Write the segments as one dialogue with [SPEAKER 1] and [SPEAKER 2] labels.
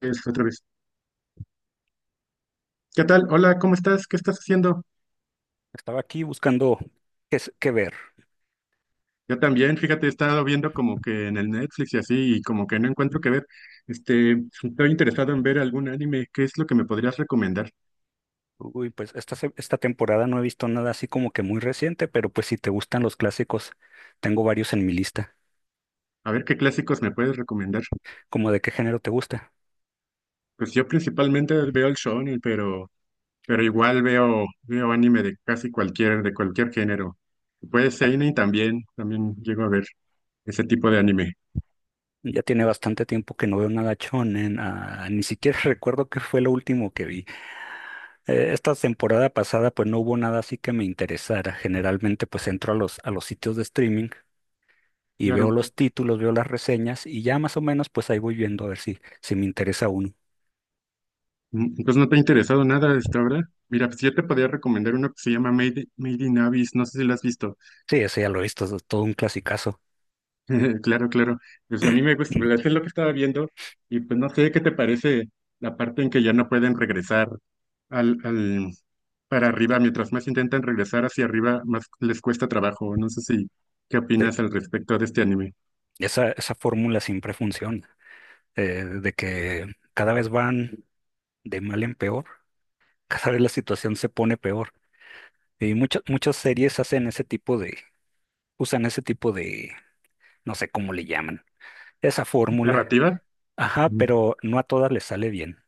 [SPEAKER 1] Es otra vez. ¿Qué tal? Hola, ¿cómo estás? ¿Qué estás haciendo?
[SPEAKER 2] Estaba aquí buscando qué ver.
[SPEAKER 1] Yo también, fíjate, he estado viendo como que en el Netflix y así, y como que no encuentro qué ver. Este, Estoy interesado en ver algún anime. ¿Qué es lo que me podrías recomendar?
[SPEAKER 2] Uy, pues esta temporada no he visto nada así como que muy reciente, pero pues si te gustan los clásicos, tengo varios en mi lista.
[SPEAKER 1] A ver qué clásicos me puedes recomendar.
[SPEAKER 2] ¿Cómo de qué género te gusta?
[SPEAKER 1] Pues yo principalmente veo el shonen, pero igual veo anime de casi de cualquier género. Puede ser seinen también, también llego a ver ese tipo de anime.
[SPEAKER 2] Ya tiene bastante tiempo que no veo nada shonen, ah, ni siquiera recuerdo qué fue lo último que vi. Esta temporada pasada pues no hubo nada así que me interesara. Generalmente pues entro a los sitios de streaming y veo
[SPEAKER 1] Claro.
[SPEAKER 2] los títulos, veo las reseñas y ya más o menos pues ahí voy viendo a ver si me interesa uno.
[SPEAKER 1] Entonces no te ha interesado nada hasta ahora. Mira, pues yo te podría recomendar una que se llama Made in Abyss, no sé si la has visto.
[SPEAKER 2] Sí, ese ya lo he visto, es todo un clasicazo.
[SPEAKER 1] Claro, claro. Pues a mí me gusta, ¿verdad? Es lo que estaba viendo y pues no sé qué te parece la parte en que ya no pueden regresar al para arriba, mientras más intentan regresar hacia arriba, más les cuesta trabajo. No sé si qué
[SPEAKER 2] Sí,
[SPEAKER 1] opinas al respecto de este anime.
[SPEAKER 2] esa fórmula siempre funciona, de que cada vez van de mal en peor, cada vez la situación se pone peor. Y muchas series hacen ese tipo de, usan ese tipo de, no sé cómo le llaman, esa fórmula.
[SPEAKER 1] ¿Narrativa?
[SPEAKER 2] Ajá,
[SPEAKER 1] Ujú.
[SPEAKER 2] pero no a todas les sale bien.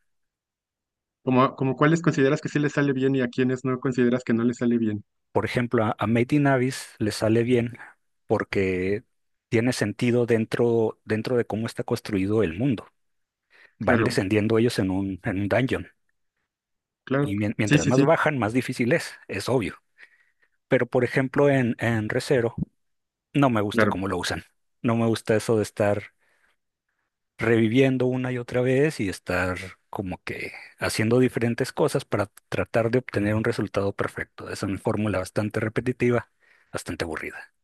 [SPEAKER 1] Como cuáles consideras que sí les sale bien y a quiénes no consideras que no les sale bien?
[SPEAKER 2] Por ejemplo, a Made in Abyss le sale bien porque tiene sentido dentro de cómo está construido el mundo. Van
[SPEAKER 1] Claro,
[SPEAKER 2] descendiendo ellos en un dungeon.
[SPEAKER 1] claro.
[SPEAKER 2] Y
[SPEAKER 1] Sí,
[SPEAKER 2] mientras
[SPEAKER 1] sí,
[SPEAKER 2] más
[SPEAKER 1] sí.
[SPEAKER 2] bajan, más difícil es obvio. Pero, por ejemplo, en Re:Zero no me gusta
[SPEAKER 1] Claro.
[SPEAKER 2] cómo lo usan. No me gusta eso de estar reviviendo una y otra vez y estar como que haciendo diferentes cosas para tratar de obtener un resultado perfecto. Es una fórmula bastante repetitiva, bastante aburrida.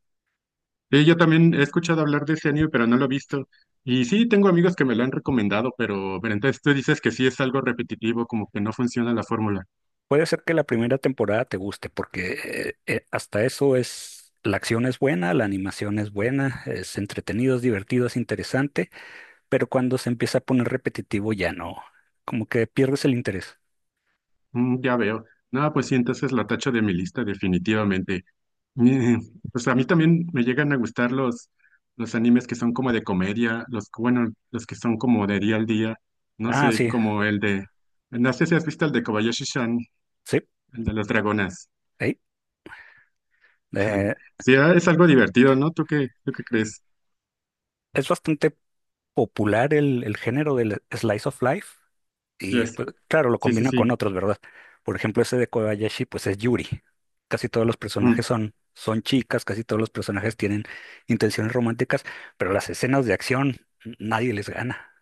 [SPEAKER 1] Sí, yo también he escuchado hablar de ese anime, pero no lo he visto. Y sí, tengo amigos que me lo han recomendado, pero entonces tú dices que sí es algo repetitivo, como que no funciona la fórmula.
[SPEAKER 2] Puede ser que la primera temporada te guste porque hasta eso es... La acción es buena, la animación es buena, es entretenido, es divertido, es interesante, pero cuando se empieza a poner repetitivo ya no, como que pierdes el interés.
[SPEAKER 1] Mm, ya veo. No, pues sí, entonces lo tacho de mi lista definitivamente. Mm, Pues a mí también me llegan a gustar los animes que son como de comedia, bueno, los que son como de día al día. No
[SPEAKER 2] Ah,
[SPEAKER 1] sé,
[SPEAKER 2] sí.
[SPEAKER 1] como el de, no sé si has visto el de Kobayashi-san,
[SPEAKER 2] Sí,
[SPEAKER 1] el de las dragonas.
[SPEAKER 2] ahí. Eh,
[SPEAKER 1] Sí, ah, es algo divertido, ¿no? Tú qué crees?
[SPEAKER 2] es bastante popular el género del slice of life y
[SPEAKER 1] Yes.
[SPEAKER 2] pues, claro, lo
[SPEAKER 1] Sí, sí,
[SPEAKER 2] combina con
[SPEAKER 1] sí.
[SPEAKER 2] otros, ¿verdad? Por ejemplo, ese de Kobayashi, pues es Yuri. Casi todos los personajes
[SPEAKER 1] Mm.
[SPEAKER 2] son chicas, casi todos los personajes tienen intenciones románticas, pero las escenas de acción nadie les gana.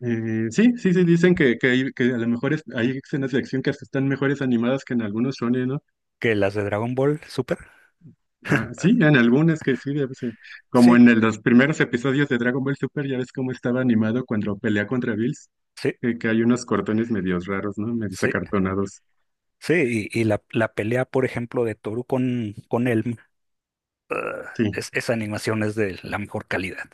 [SPEAKER 1] Sí, sí, sí, dicen que a lo mejor hay escenas de acción que hasta están mejores animadas que en algunos shonen, ¿no?
[SPEAKER 2] Que las de Dragon Ball Super,
[SPEAKER 1] Ah, sí, en algunas que sí, debe ser. Como
[SPEAKER 2] sí,
[SPEAKER 1] en los primeros episodios de Dragon Ball Super, ya ves cómo estaba animado cuando pelea contra Bills,
[SPEAKER 2] sí,
[SPEAKER 1] que hay unos cortones medios raros, ¿no? Medios
[SPEAKER 2] sí,
[SPEAKER 1] acartonados.
[SPEAKER 2] sí. Y la pelea, por ejemplo, de Toru con Elm, ah,
[SPEAKER 1] Sí,
[SPEAKER 2] esa animación es de la mejor calidad.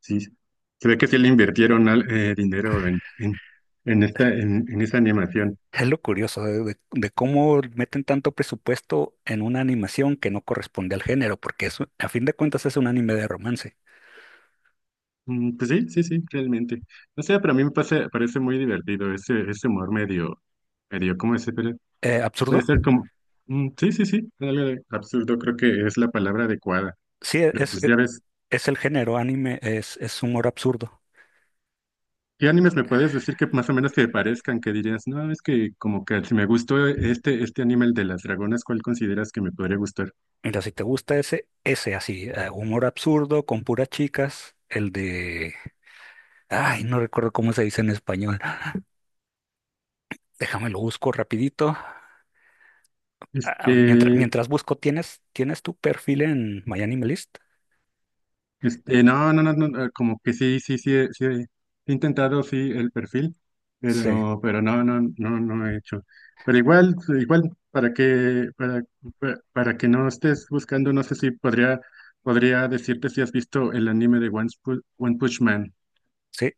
[SPEAKER 1] sí, sí. Se ve que sí le invirtieron dinero en en esa animación.
[SPEAKER 2] Es lo curioso de cómo meten tanto presupuesto en una animación que no corresponde al género, porque es, a fin de cuentas es un anime de romance.
[SPEAKER 1] Pues sí, sí, sí, realmente. O sea, para mí me pasa- parece muy divertido ese, ese humor medio, medio, ¿cómo es? Puede
[SPEAKER 2] ¿Absurdo?
[SPEAKER 1] ser como, mm, sí, sí, sí, algo de absurdo creo que es la palabra adecuada.
[SPEAKER 2] Sí,
[SPEAKER 1] Pero pues ya ves,
[SPEAKER 2] es el género anime, es humor absurdo.
[SPEAKER 1] ¿qué animes me puedes decir que más o menos te parezcan? Que dirías, no, es que como que si me gustó este, este anime, el de las dragonas, ¿cuál consideras que me podría gustar?
[SPEAKER 2] Mira, si te gusta ese así, humor absurdo con puras chicas, el de... Ay, no recuerdo cómo se dice en español. Déjame lo busco rapidito. Ah,
[SPEAKER 1] Este,
[SPEAKER 2] mientras busco, tienes tu perfil en MyAnimeList?
[SPEAKER 1] No, no, no, no, no, como que sí, sí, sí, sí, he intentado, sí, el perfil,
[SPEAKER 2] Sí.
[SPEAKER 1] pero no, no, no, no he hecho. Pero igual, igual, para que, para, para que no estés buscando, no sé si podría, podría decirte si has visto el anime de One Punch Man.
[SPEAKER 2] Sí.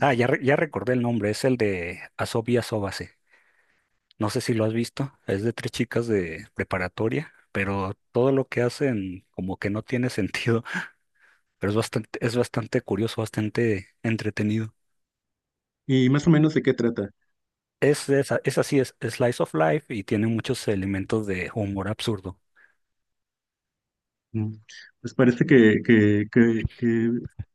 [SPEAKER 2] Ah, ya recordé el nombre, es el de Asobi Asobase. No sé si lo has visto, es de tres chicas de preparatoria, pero todo lo que hacen como que no tiene sentido, pero es bastante curioso, bastante entretenido.
[SPEAKER 1] Y más o menos de qué trata.
[SPEAKER 2] Es así, es, slice of life y tiene muchos elementos de humor absurdo.
[SPEAKER 1] Mm, Pues parece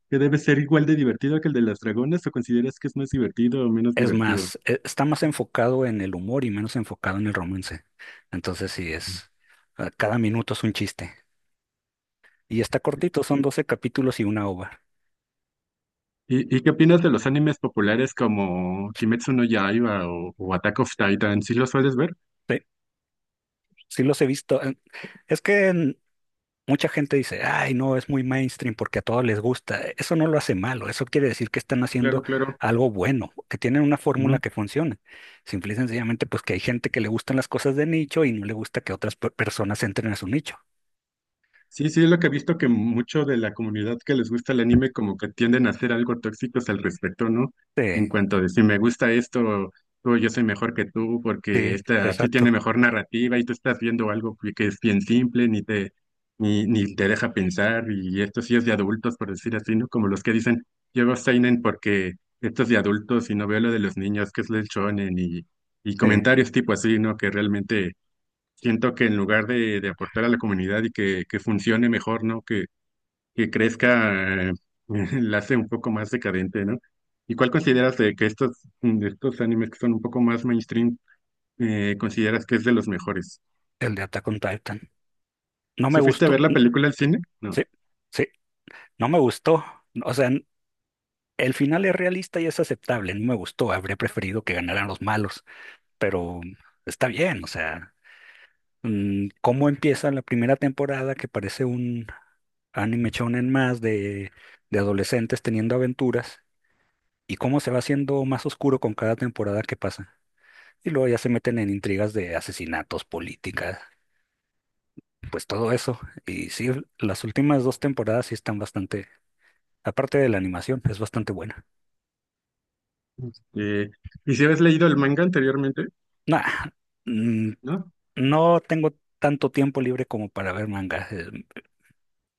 [SPEAKER 1] que debe ser igual de divertido que el de las dragonas, ¿o consideras que es más divertido o menos
[SPEAKER 2] Es
[SPEAKER 1] divertido?
[SPEAKER 2] más, está más enfocado en el humor y menos enfocado en el romance. Entonces sí, es, cada minuto es un chiste. Y está cortito, son 12 capítulos y una ova.
[SPEAKER 1] Y qué opinas de los animes populares como Kimetsu no Yaiba o Attack of Titan? ¿Sí los sueles ver?
[SPEAKER 2] Sí, sí los he visto. Es que mucha gente dice, ay, no, es muy mainstream porque a todos les gusta. Eso no lo hace malo, eso quiere decir que están haciendo
[SPEAKER 1] Claro, claro.
[SPEAKER 2] algo bueno, que tienen una fórmula
[SPEAKER 1] Ujú.
[SPEAKER 2] que funciona. Simple y sencillamente, pues que hay gente que le gustan las cosas de nicho y no le gusta que otras personas entren a su nicho.
[SPEAKER 1] Sí, sí, es lo que he visto que mucho de la comunidad que les gusta el anime como que tienden a ser algo tóxicos al respecto, ¿no? En
[SPEAKER 2] Sí,
[SPEAKER 1] cuanto de si me gusta esto, tú, yo soy mejor que tú porque
[SPEAKER 2] sí,
[SPEAKER 1] esta sí tiene
[SPEAKER 2] exacto.
[SPEAKER 1] mejor narrativa y tú estás viendo algo que es bien simple, ni te deja pensar y esto sí es de adultos, por decir así, ¿no? Como los que dicen, yo veo seinen porque esto es de adultos y no veo lo de los niños, que es el shonen y
[SPEAKER 2] Sí,
[SPEAKER 1] comentarios tipo así, ¿no? Que realmente siento que en lugar de aportar a la comunidad y que funcione mejor, ¿no? Que crezca, la hace un poco más decadente, ¿no? ¿Y cuál consideras de que de estos animes que son un poco más mainstream, consideras que es de los mejores?
[SPEAKER 2] el de Attack on Titan. No me
[SPEAKER 1] ¿Si fuiste a
[SPEAKER 2] gustó.
[SPEAKER 1] ver la película al cine? No.
[SPEAKER 2] Sí, sí, no me gustó. O sea, el final es realista y es aceptable. No me gustó. Habría preferido que ganaran los malos, pero está bien, o sea. Cómo empieza la primera temporada que parece un anime shonen más de adolescentes teniendo aventuras y cómo se va haciendo más oscuro con cada temporada que pasa. Y luego ya se meten en intrigas de asesinatos, políticas, pues todo eso. Y sí, las últimas 2 temporadas sí están bastante, aparte de la animación, es bastante buena.
[SPEAKER 1] Eh, ¿Y si habías leído el manga anteriormente?
[SPEAKER 2] Nah, mm,
[SPEAKER 1] ¿No?
[SPEAKER 2] no tengo tanto tiempo libre como para ver manga.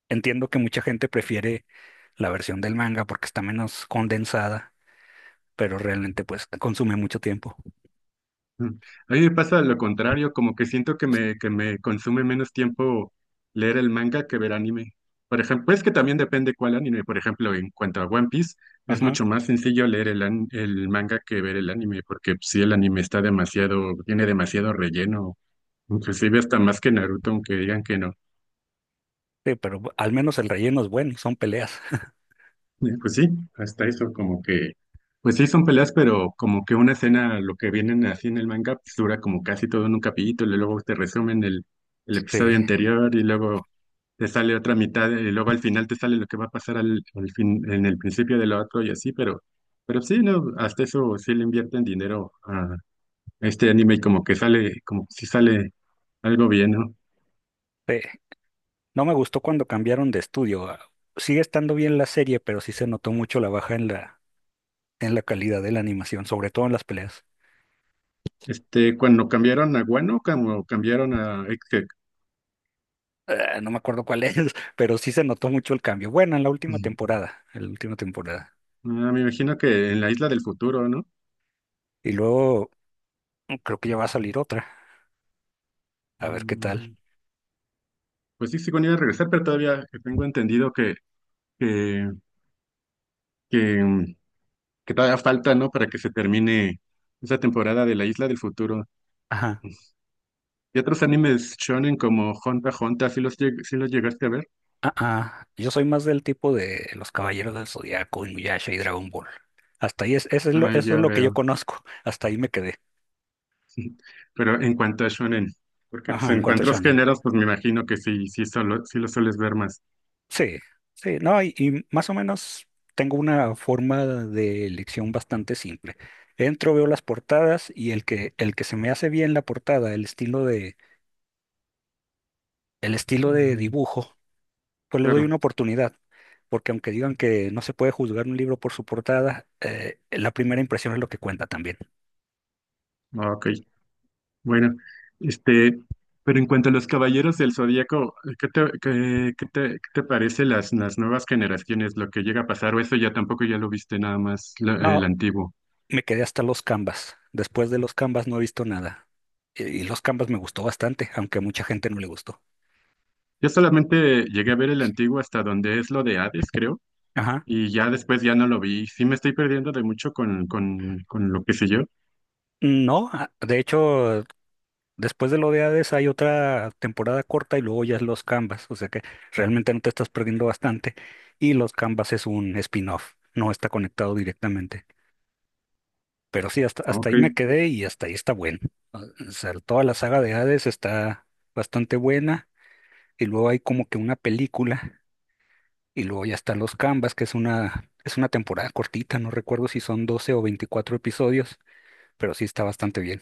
[SPEAKER 2] Entiendo que mucha gente prefiere la versión del manga porque está menos condensada pero realmente pues consume mucho tiempo.
[SPEAKER 1] Mm. A mí me pasa lo contrario, como que siento que me consume menos tiempo leer el manga que ver anime. Por ejemplo, es que también depende cuál anime. Por ejemplo, en cuanto a One Piece, es
[SPEAKER 2] Ajá.
[SPEAKER 1] mucho más sencillo leer el manga que ver el anime, porque si el anime está demasiado, tiene demasiado relleno, inclusive hasta más que Naruto, aunque digan que no.
[SPEAKER 2] Sí, pero al menos el relleno es bueno, son peleas.
[SPEAKER 1] Y pues sí, hasta eso como que, pues sí son peleas, pero como que una escena, lo que vienen así en el manga, pues dura como casi todo en un capítulo, y luego te resumen el
[SPEAKER 2] Sí,
[SPEAKER 1] episodio anterior, y luego te sale otra mitad, y luego al final te sale lo que va a pasar al fin, en el principio de lo otro y así, pero sí, no, hasta eso sí le invierten dinero a este anime y como que sale, como si sale algo bien, ¿no?
[SPEAKER 2] sí. No me gustó cuando cambiaron de estudio. Ah, sigue estando bien la serie, pero sí se notó mucho la baja en en la calidad de la animación, sobre todo en las peleas.
[SPEAKER 1] Este, cuando cambiaron a Guano, como cambiaron a Egghead.
[SPEAKER 2] Ah, no me acuerdo cuál es, pero sí se notó mucho el cambio. Bueno, en la última temporada, en la última temporada.
[SPEAKER 1] Ah, me imagino que en la isla del futuro, ¿no?
[SPEAKER 2] Y luego creo que ya va a salir otra. A ver qué tal.
[SPEAKER 1] Mm, Pues sí, según iba a regresar, pero todavía tengo entendido que, que, mm, que todavía falta, ¿no? Para que se termine esa temporada de la isla del futuro.
[SPEAKER 2] ajá.
[SPEAKER 1] Y otros animes shonen como Hunter x Hunter, ¿sí sí los llegaste a ver?
[SPEAKER 2] Ah, ah, yo soy más del tipo de los Caballeros del Zodiaco, Inuyasha y Dragon Ball. Hasta ahí es,
[SPEAKER 1] Ah,
[SPEAKER 2] eso es
[SPEAKER 1] ya
[SPEAKER 2] lo que yo
[SPEAKER 1] veo.
[SPEAKER 2] conozco. Hasta ahí me quedé.
[SPEAKER 1] Pero en cuanto a shonen, porque pues,
[SPEAKER 2] Ajá, en
[SPEAKER 1] en
[SPEAKER 2] cuanto a
[SPEAKER 1] cuanto a los
[SPEAKER 2] shonen.
[SPEAKER 1] géneros, pues me imagino que sí, sí, solo, sí los sueles ver más.
[SPEAKER 2] Sí, sí, no, y más o menos tengo una forma de elección bastante simple. Entro, veo las portadas y el que se me hace bien la portada, el estilo de
[SPEAKER 1] Mm,
[SPEAKER 2] dibujo, pues le doy
[SPEAKER 1] claro.
[SPEAKER 2] una oportunidad. Porque aunque digan que no se puede juzgar un libro por su portada, la primera impresión es lo que cuenta también.
[SPEAKER 1] Ah, ok. Bueno, este, pero en cuanto a los Caballeros del Zodíaco, qué te parece las nuevas generaciones, lo que llega a pasar? ¿O eso ya tampoco ya lo viste nada más el
[SPEAKER 2] No,
[SPEAKER 1] antiguo?
[SPEAKER 2] me quedé hasta los Canvas. Después de los Canvas no he visto nada. Y los Canvas me gustó bastante, aunque a mucha gente no le gustó.
[SPEAKER 1] Yo solamente llegué a ver el antiguo hasta donde es lo de Hades, creo,
[SPEAKER 2] Ajá.
[SPEAKER 1] y ya después ya no lo vi. Sí me estoy perdiendo de mucho con lo que sé yo.
[SPEAKER 2] No, de hecho, después de lo de Hades hay otra temporada corta y luego ya es los Canvas. O sea que realmente no te estás perdiendo bastante. Y los Canvas es un spin-off, no está conectado directamente. Pero sí, hasta
[SPEAKER 1] Ok,
[SPEAKER 2] ahí me quedé y hasta ahí está bueno. O o sea, toda la saga de Hades está bastante buena. Y luego hay como que una película. Y luego ya están los Canvas, que es es una temporada cortita, no recuerdo si son 12 o 24 episodios, pero sí está bastante bien.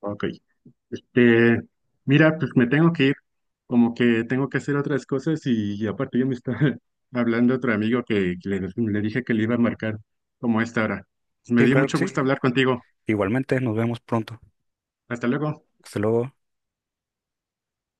[SPEAKER 1] ok. Este, mira, pues me tengo que ir, como que tengo que hacer otras cosas y aparte yo me estaba hablando otro amigo que le dije que le iba a marcar como a esta hora. Pues, me
[SPEAKER 2] Sí,
[SPEAKER 1] dio
[SPEAKER 2] claro que
[SPEAKER 1] mucho
[SPEAKER 2] sí.
[SPEAKER 1] gusto hablar contigo.
[SPEAKER 2] Igualmente, nos vemos pronto.
[SPEAKER 1] Hasta luego.
[SPEAKER 2] Hasta luego.